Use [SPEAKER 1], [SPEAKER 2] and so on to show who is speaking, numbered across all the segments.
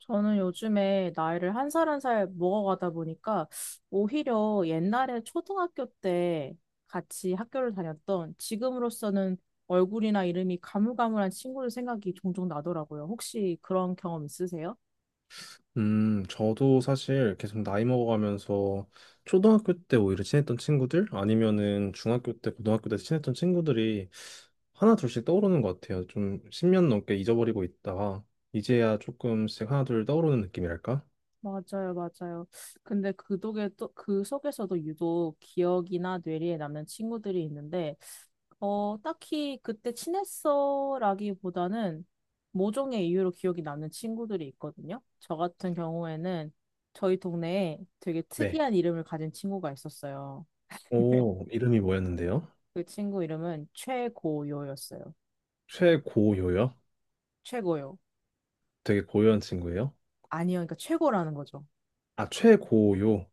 [SPEAKER 1] 저는 요즘에 나이를 한 살 한 살 먹어가다 보니까 오히려 옛날에 초등학교 때 같이 학교를 다녔던, 지금으로서는 얼굴이나 이름이 가물가물한 친구들 생각이 종종 나더라고요. 혹시 그런 경험 있으세요?
[SPEAKER 2] 저도 사실 계속 나이 먹어가면서 초등학교 때 오히려 친했던 친구들 아니면은 중학교 때, 고등학교 때 친했던 친구들이 하나 둘씩 떠오르는 것 같아요. 좀 10년 넘게 잊어버리고 있다가 이제야 조금씩 하나 둘 떠오르는 느낌이랄까?
[SPEAKER 1] 맞아요, 맞아요. 근데 그 독에 또, 그 속에서도 유독 기억이나 뇌리에 남는 친구들이 있는데 딱히 그때 친했어라기보다는 모종의 이유로 기억이 남는 친구들이 있거든요. 저 같은 경우에는 저희 동네에 되게
[SPEAKER 2] 네.
[SPEAKER 1] 특이한 이름을 가진 친구가 있었어요.
[SPEAKER 2] 오, 이름이 뭐였는데요?
[SPEAKER 1] 그 친구 이름은 최고요였어요.
[SPEAKER 2] 최고요요?
[SPEAKER 1] 최고요.
[SPEAKER 2] 되게 고요한 친구예요?
[SPEAKER 1] 아니요, 그러니까 최고라는 거죠.
[SPEAKER 2] 아, 최고요.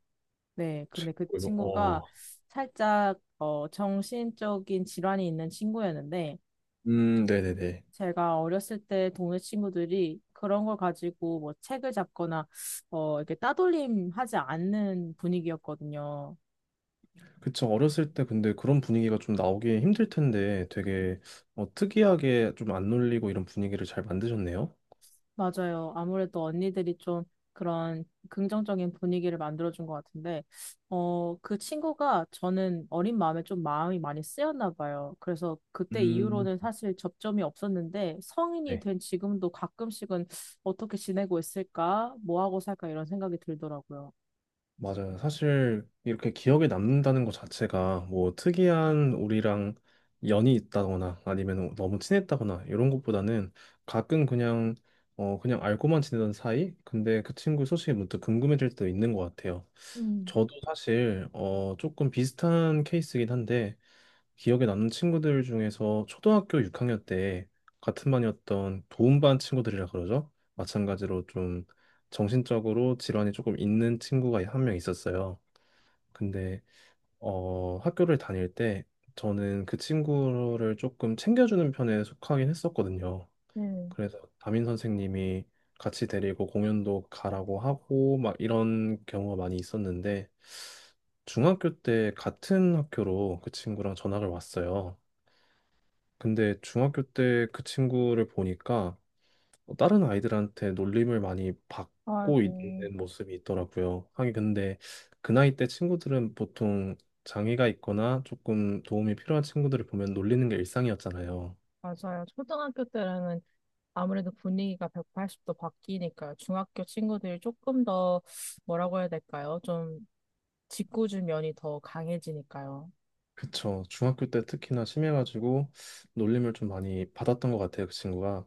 [SPEAKER 1] 네, 근데 그
[SPEAKER 2] 최고요.
[SPEAKER 1] 친구가
[SPEAKER 2] 어.
[SPEAKER 1] 살짝 정신적인 질환이 있는 친구였는데,
[SPEAKER 2] 네네네.
[SPEAKER 1] 제가 어렸을 때 동네 친구들이 그런 걸 가지고 뭐 책을 잡거나 이렇게 따돌림 하지 않는 분위기였거든요.
[SPEAKER 2] 그쵸. 어렸을 때 근데 그런 분위기가 좀 나오기 힘들 텐데 되게 특이하게 좀 안 놀리고 이런 분위기를 잘 만드셨네요.
[SPEAKER 1] 맞아요. 아무래도 언니들이 좀 그런 긍정적인 분위기를 만들어준 것 같은데, 그 친구가 저는 어린 마음에 좀 마음이 많이 쓰였나 봐요. 그래서 그때
[SPEAKER 2] 음,
[SPEAKER 1] 이후로는 사실 접점이 없었는데 성인이
[SPEAKER 2] 네,
[SPEAKER 1] 된 지금도 가끔씩은 어떻게 지내고 있을까? 뭐 하고 살까? 이런 생각이 들더라고요.
[SPEAKER 2] 맞아요. 사실 이렇게 기억에 남는다는 것 자체가 뭐 특이한 우리랑 연이 있다거나 아니면 너무 친했다거나 이런 것보다는 가끔 그냥 그냥 알고만 지내던 사이? 근데 그 친구 소식이 문득 궁금해질 때도 있는 것 같아요.
[SPEAKER 1] 음,
[SPEAKER 2] 저도 사실 조금 비슷한 케이스긴 한데 기억에 남는 친구들 중에서 초등학교 6학년 때 같은 반이었던 도움반 친구들이라 그러죠. 마찬가지로 좀 정신적으로 질환이 조금 있는 친구가 한 명 있었어요. 근데 학교를 다닐 때 저는 그 친구를 조금 챙겨주는 편에 속하긴 했었거든요.
[SPEAKER 1] 네.
[SPEAKER 2] 그래서 담임 선생님이 같이 데리고 공연도 가라고 하고 막 이런 경우가 많이 있었는데 중학교 때 같은 학교로 그 친구랑 전학을 왔어요. 근데 중학교 때 그 친구를 보니까 다른 아이들한테 놀림을 많이 받고
[SPEAKER 1] 아이고.
[SPEAKER 2] 있는 모습이 있더라고요. 하긴 근데 그 나이 때 친구들은 보통 장애가 있거나 조금 도움이 필요한 친구들을 보면 놀리는 게 일상이었잖아요.
[SPEAKER 1] 맞아요. 초등학교 때는 아무래도 분위기가 180도 바뀌니까 중학교 친구들이 조금 더 뭐라고 해야 될까요? 좀 짓궂은 면이 더 강해지니까요.
[SPEAKER 2] 그쵸. 중학교 때 특히나 심해가지고 놀림을 좀 많이 받았던 것 같아요, 그 친구가.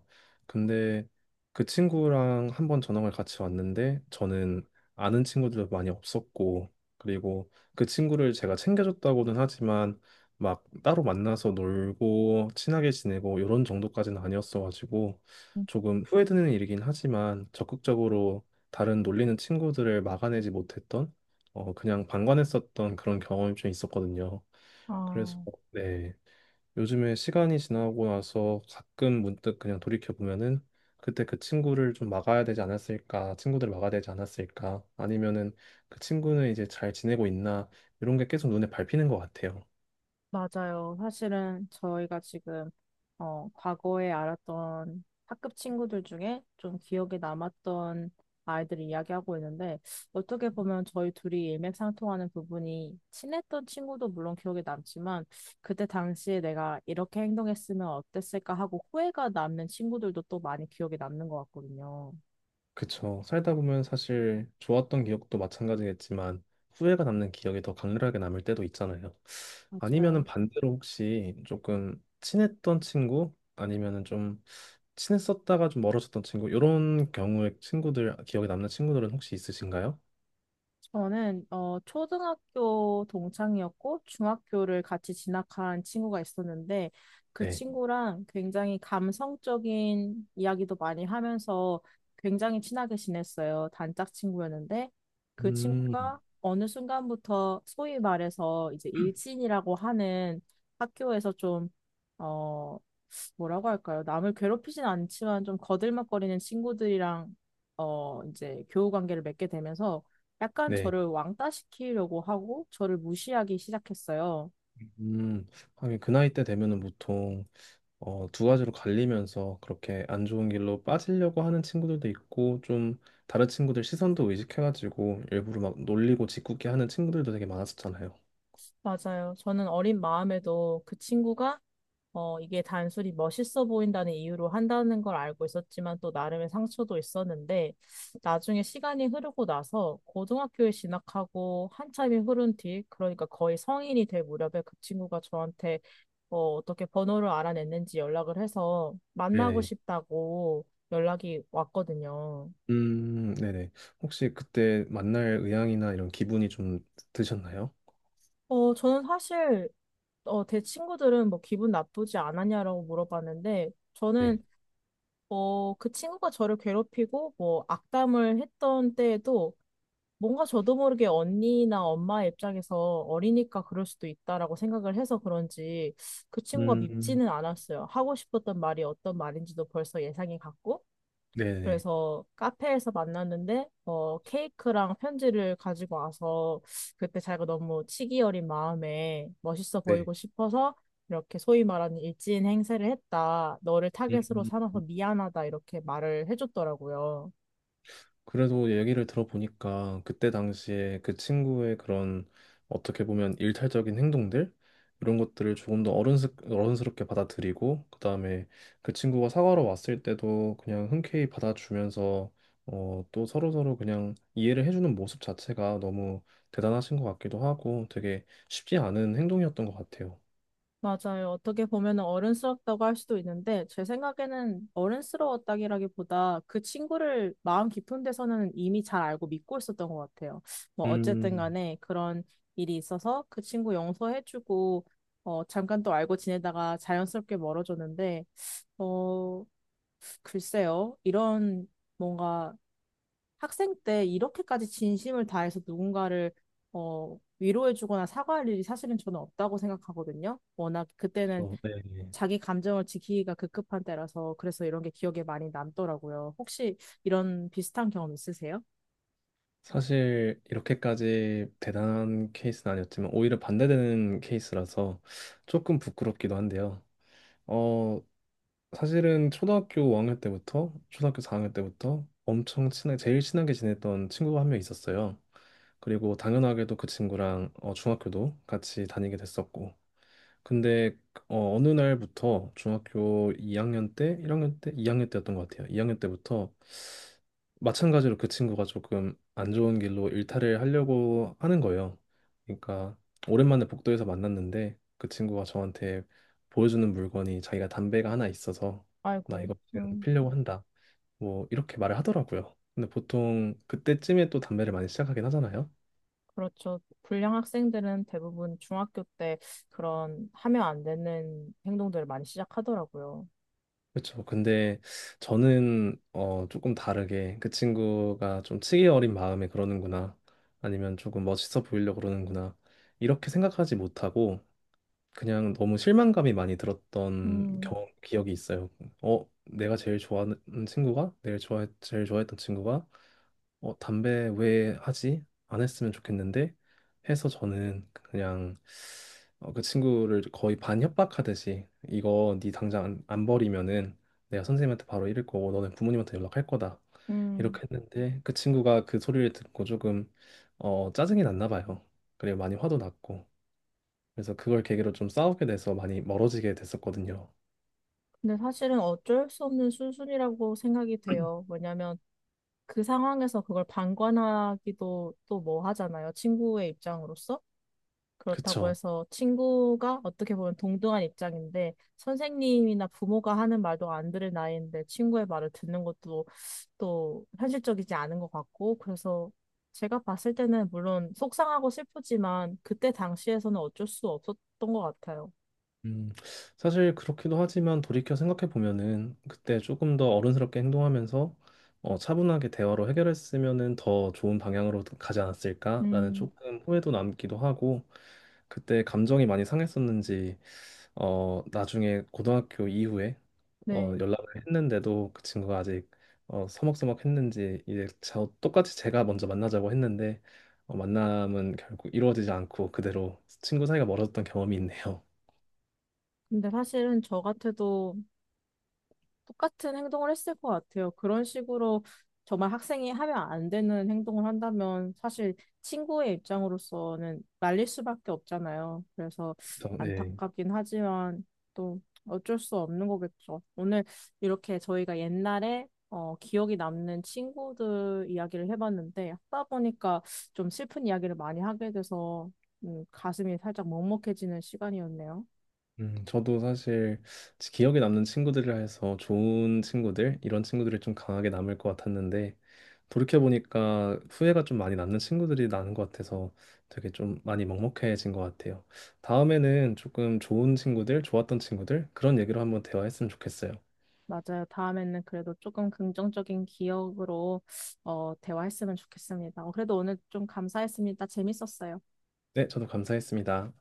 [SPEAKER 2] 근데 그 친구랑 한번 전학을 같이 왔는데 저는 아는 친구들도 많이 없었고 그리고 그 친구를 제가 챙겨줬다고는 하지만 막 따로 만나서 놀고 친하게 지내고 이런 정도까지는 아니었어가지고
[SPEAKER 1] 음.
[SPEAKER 2] 조금 후회되는 일이긴 하지만 적극적으로 다른 놀리는 친구들을 막아내지 못했던 그냥 방관했었던 그런 경험이 좀 있었거든요. 그래서
[SPEAKER 1] 아,
[SPEAKER 2] 네 요즘에 시간이 지나고 나서 가끔 문득 그냥 돌이켜 보면은 그때 그 친구를 좀 막아야 되지 않았을까 친구들을 막아야 되지 않았을까 아니면은 그 친구는 이제 잘 지내고 있나 이런 게 계속 눈에 밟히는 것 같아요.
[SPEAKER 1] 맞아요. 사실은 저희가 지금 과거에 알았던 학급 친구들 중에 좀 기억에 남았던 아이들을 이야기하고 있는데, 어떻게 보면 저희 둘이 일맥상통하는 부분이, 친했던 친구도 물론 기억에 남지만 그때 당시에 내가 이렇게 행동했으면 어땠을까 하고 후회가 남는 친구들도 또 많이 기억에 남는 것 같거든요.
[SPEAKER 2] 그쵸. 살다 보면 사실 좋았던 기억도 마찬가지겠지만 후회가 남는 기억이 더 강렬하게 남을 때도 있잖아요. 아니면은
[SPEAKER 1] 맞아요.
[SPEAKER 2] 반대로 혹시 조금 친했던 친구 아니면은 좀 친했었다가 좀 멀어졌던 친구 이런 경우의 친구들 기억에 남는 친구들은 혹시 있으신가요?
[SPEAKER 1] 저는 초등학교 동창이었고 중학교를 같이 진학한 친구가 있었는데, 그
[SPEAKER 2] 네.
[SPEAKER 1] 친구랑 굉장히 감성적인 이야기도 많이 하면서 굉장히 친하게 지냈어요. 단짝 친구였는데 그
[SPEAKER 2] 음.
[SPEAKER 1] 친구가 어느 순간부터 소위 말해서 이제 일진이라고 하는, 학교에서 좀 어, 뭐라고 할까요? 남을 괴롭히진 않지만 좀 거들먹거리는 친구들이랑 이제 교우 관계를 맺게 되면서 약간
[SPEAKER 2] 네.
[SPEAKER 1] 저를 왕따시키려고 하고 저를 무시하기 시작했어요.
[SPEAKER 2] 음. 하긴 그 나이 때 되면은 보통 두 가지로 갈리면서 그렇게 안 좋은 길로 빠지려고 하는 친구들도 있고 좀 다른 친구들 시선도 의식해가지고 일부러 막 놀리고 짓궂게 하는 친구들도 되게 많았었잖아요.
[SPEAKER 1] 맞아요. 저는 어린 마음에도 그 친구가 이게 단순히 멋있어 보인다는 이유로 한다는 걸 알고 있었지만 또 나름의 상처도 있었는데, 나중에 시간이 흐르고 나서 고등학교에 진학하고 한참이 흐른 뒤, 그러니까 거의 성인이 될 무렵에 그 친구가 저한테 어떻게 번호를 알아냈는지 연락을 해서 만나고
[SPEAKER 2] 네네.
[SPEAKER 1] 싶다고 연락이 왔거든요.
[SPEAKER 2] 네네. 혹시 그때 만날 의향이나 이런 기분이 좀 드셨나요?
[SPEAKER 1] 저는 사실 제 친구들은 뭐 기분 나쁘지 않았냐라고 물어봤는데,
[SPEAKER 2] 네.
[SPEAKER 1] 저는 그 친구가 저를 괴롭히고 뭐 악담을 했던 때에도 뭔가 저도 모르게 언니나 엄마 의 입장에서 어리니까 그럴 수도 있다라고 생각을 해서 그런지 그 친구가
[SPEAKER 2] 음,
[SPEAKER 1] 밉지는 않았어요. 하고 싶었던 말이 어떤 말인지도 벌써 예상이 갔고,
[SPEAKER 2] 네네.
[SPEAKER 1] 그래서 카페에서 만났는데 케이크랑 편지를 가지고 와서 그때 자기가 너무 치기 어린 마음에 멋있어
[SPEAKER 2] 네.
[SPEAKER 1] 보이고 싶어서 이렇게 소위 말하는 일진 행세를 했다. 너를 타겟으로
[SPEAKER 2] 음.
[SPEAKER 1] 삼아서 미안하다 이렇게 말을 해줬더라고요.
[SPEAKER 2] 그래도 얘기를 들어보니까 그때 당시에 그 친구의 그런 어떻게 보면 일탈적인 행동들 이런 것들을 조금 더 어른스럽게 받아들이고 그다음에 그 친구가 사과로 왔을 때도 그냥 흔쾌히 받아주면서 또 서로서로 그냥 이해를 해주는 모습 자체가 너무 대단하신 것 같기도 하고 되게 쉽지 않은 행동이었던 것 같아요.
[SPEAKER 1] 맞아요. 어떻게 보면 어른스럽다고 할 수도 있는데, 제 생각에는 어른스러웠다기라기보다 그 친구를 마음 깊은 데서는 이미 잘 알고 믿고 있었던 것 같아요. 뭐, 어쨌든
[SPEAKER 2] 음,
[SPEAKER 1] 간에 그런 일이 있어서 그 친구 용서해주고, 잠깐 또 알고 지내다가 자연스럽게 멀어졌는데, 어, 글쎄요. 이런 뭔가 학생 때 이렇게까지 진심을 다해서 누군가를 위로해주거나 사과할 일이 사실은 저는 없다고 생각하거든요. 워낙 그때는
[SPEAKER 2] 그렇죠. 네.
[SPEAKER 1] 자기 감정을 지키기가 급급한 때라서, 그래서 이런 게 기억에 많이 남더라고요. 혹시 이런 비슷한 경험 있으세요?
[SPEAKER 2] 사실 이렇게까지 대단한 케이스는 아니었지만 오히려 반대되는 케이스라서 조금 부끄럽기도 한데요. 어, 사실은 초등학교 4학년 때부터 엄청 친하게 제일 친하게 지냈던 친구가 한 명 있었어요. 그리고 당연하게도 그 친구랑 중학교도 같이 다니게 됐었고 근데 어느 날부터 중학교 2학년 때, 1학년 때, 2학년 때였던 것 같아요. 2학년 때부터 마찬가지로 그 친구가 조금 안 좋은 길로 일탈을 하려고 하는 거예요. 그러니까 오랜만에 복도에서 만났는데 그 친구가 저한테 보여주는 물건이 자기가 담배가 하나 있어서 나
[SPEAKER 1] 아이고,
[SPEAKER 2] 이거 지금 피려고 한다. 뭐 이렇게 말을 하더라고요. 근데 보통 그때쯤에 또 담배를 많이 시작하긴 하잖아요.
[SPEAKER 1] 그렇죠. 불량 학생들은 대부분 중학교 때 그런 하면 안 되는 행동들을 많이 시작하더라고요.
[SPEAKER 2] 그렇죠. 근데 저는 조금 다르게 그 친구가 좀 치기 어린 마음에 그러는구나. 아니면 조금 멋있어 보이려고 그러는구나. 이렇게 생각하지 못하고 그냥 너무 실망감이 많이 들었던
[SPEAKER 1] 음,
[SPEAKER 2] 경험 기억이 있어요. 내가 제일 좋아하는 친구가, 내일 좋아 제일 좋아했던 친구가 담배 왜 하지? 안 했으면 좋겠는데 해서 저는 그냥 그 친구를 거의 반 협박하듯이 이거 네 당장 안 버리면은 내가 선생님한테 바로 이를 거고 너는 부모님한테 연락할 거다
[SPEAKER 1] 음.
[SPEAKER 2] 이렇게 했는데 그 친구가 그 소리를 듣고 조금 짜증이 났나 봐요. 그리고 많이 화도 났고 그래서 그걸 계기로 좀 싸우게 돼서 많이 멀어지게 됐었거든요.
[SPEAKER 1] 근데 사실은 어쩔 수 없는 수순이라고 생각이 돼요. 왜냐면 그 상황에서 그걸 방관하기도 또 뭐 하잖아요. 친구의 입장으로서. 그렇다고
[SPEAKER 2] 그쵸?
[SPEAKER 1] 해서 친구가, 어떻게 보면 동등한 입장인데, 선생님이나 부모가 하는 말도 안 들을 나이인데 친구의 말을 듣는 것도 또 현실적이지 않은 것 같고, 그래서 제가 봤을 때는 물론 속상하고 슬프지만 그때 당시에서는 어쩔 수 없었던 것 같아요.
[SPEAKER 2] 음, 사실 그렇기도 하지만 돌이켜 생각해 보면은 그때 조금 더 어른스럽게 행동하면서 차분하게 대화로 해결했으면은 더 좋은 방향으로 가지 않았을까라는
[SPEAKER 1] 음,
[SPEAKER 2] 조금 후회도 남기도 하고 그때 감정이 많이 상했었는지 나중에 고등학교 이후에
[SPEAKER 1] 네.
[SPEAKER 2] 연락을 했는데도 그 친구가 아직 서먹서먹했는지 이제 저 똑같이 제가 먼저 만나자고 했는데 만남은 결국 이루어지지 않고 그대로 친구 사이가 멀어졌던 경험이 있네요.
[SPEAKER 1] 근데 사실은 저 같아도 똑같은 행동을 했을 것 같아요. 그런 식으로 정말 학생이 하면 안 되는 행동을 한다면 사실 친구의 입장으로서는 말릴 수밖에 없잖아요. 그래서
[SPEAKER 2] 그래서, 네.
[SPEAKER 1] 안타깝긴 하지만 또 어쩔 수 없는 거겠죠. 오늘 이렇게 저희가 옛날에 기억이 남는 친구들 이야기를 해봤는데 하다 보니까 좀 슬픈 이야기를 많이 하게 돼서 가슴이 살짝 먹먹해지는 시간이었네요.
[SPEAKER 2] 저도 사실 기억에 남는 친구들이라 해서 좋은 친구들, 이런 친구들이 좀 강하게 남을 것 같았는데, 돌이켜보니까 후회가 좀 많이 남는 친구들이 나는 것 같아서 되게 좀 많이 먹먹해진 것 같아요. 다음에는 조금 좋은 친구들, 좋았던 친구들, 그런 얘기로 한번 대화했으면 좋겠어요.
[SPEAKER 1] 맞아요. 다음에는 그래도 조금 긍정적인 기억으로 대화했으면 좋겠습니다. 그래도 오늘 좀 감사했습니다. 재밌었어요.
[SPEAKER 2] 네, 저도 감사했습니다.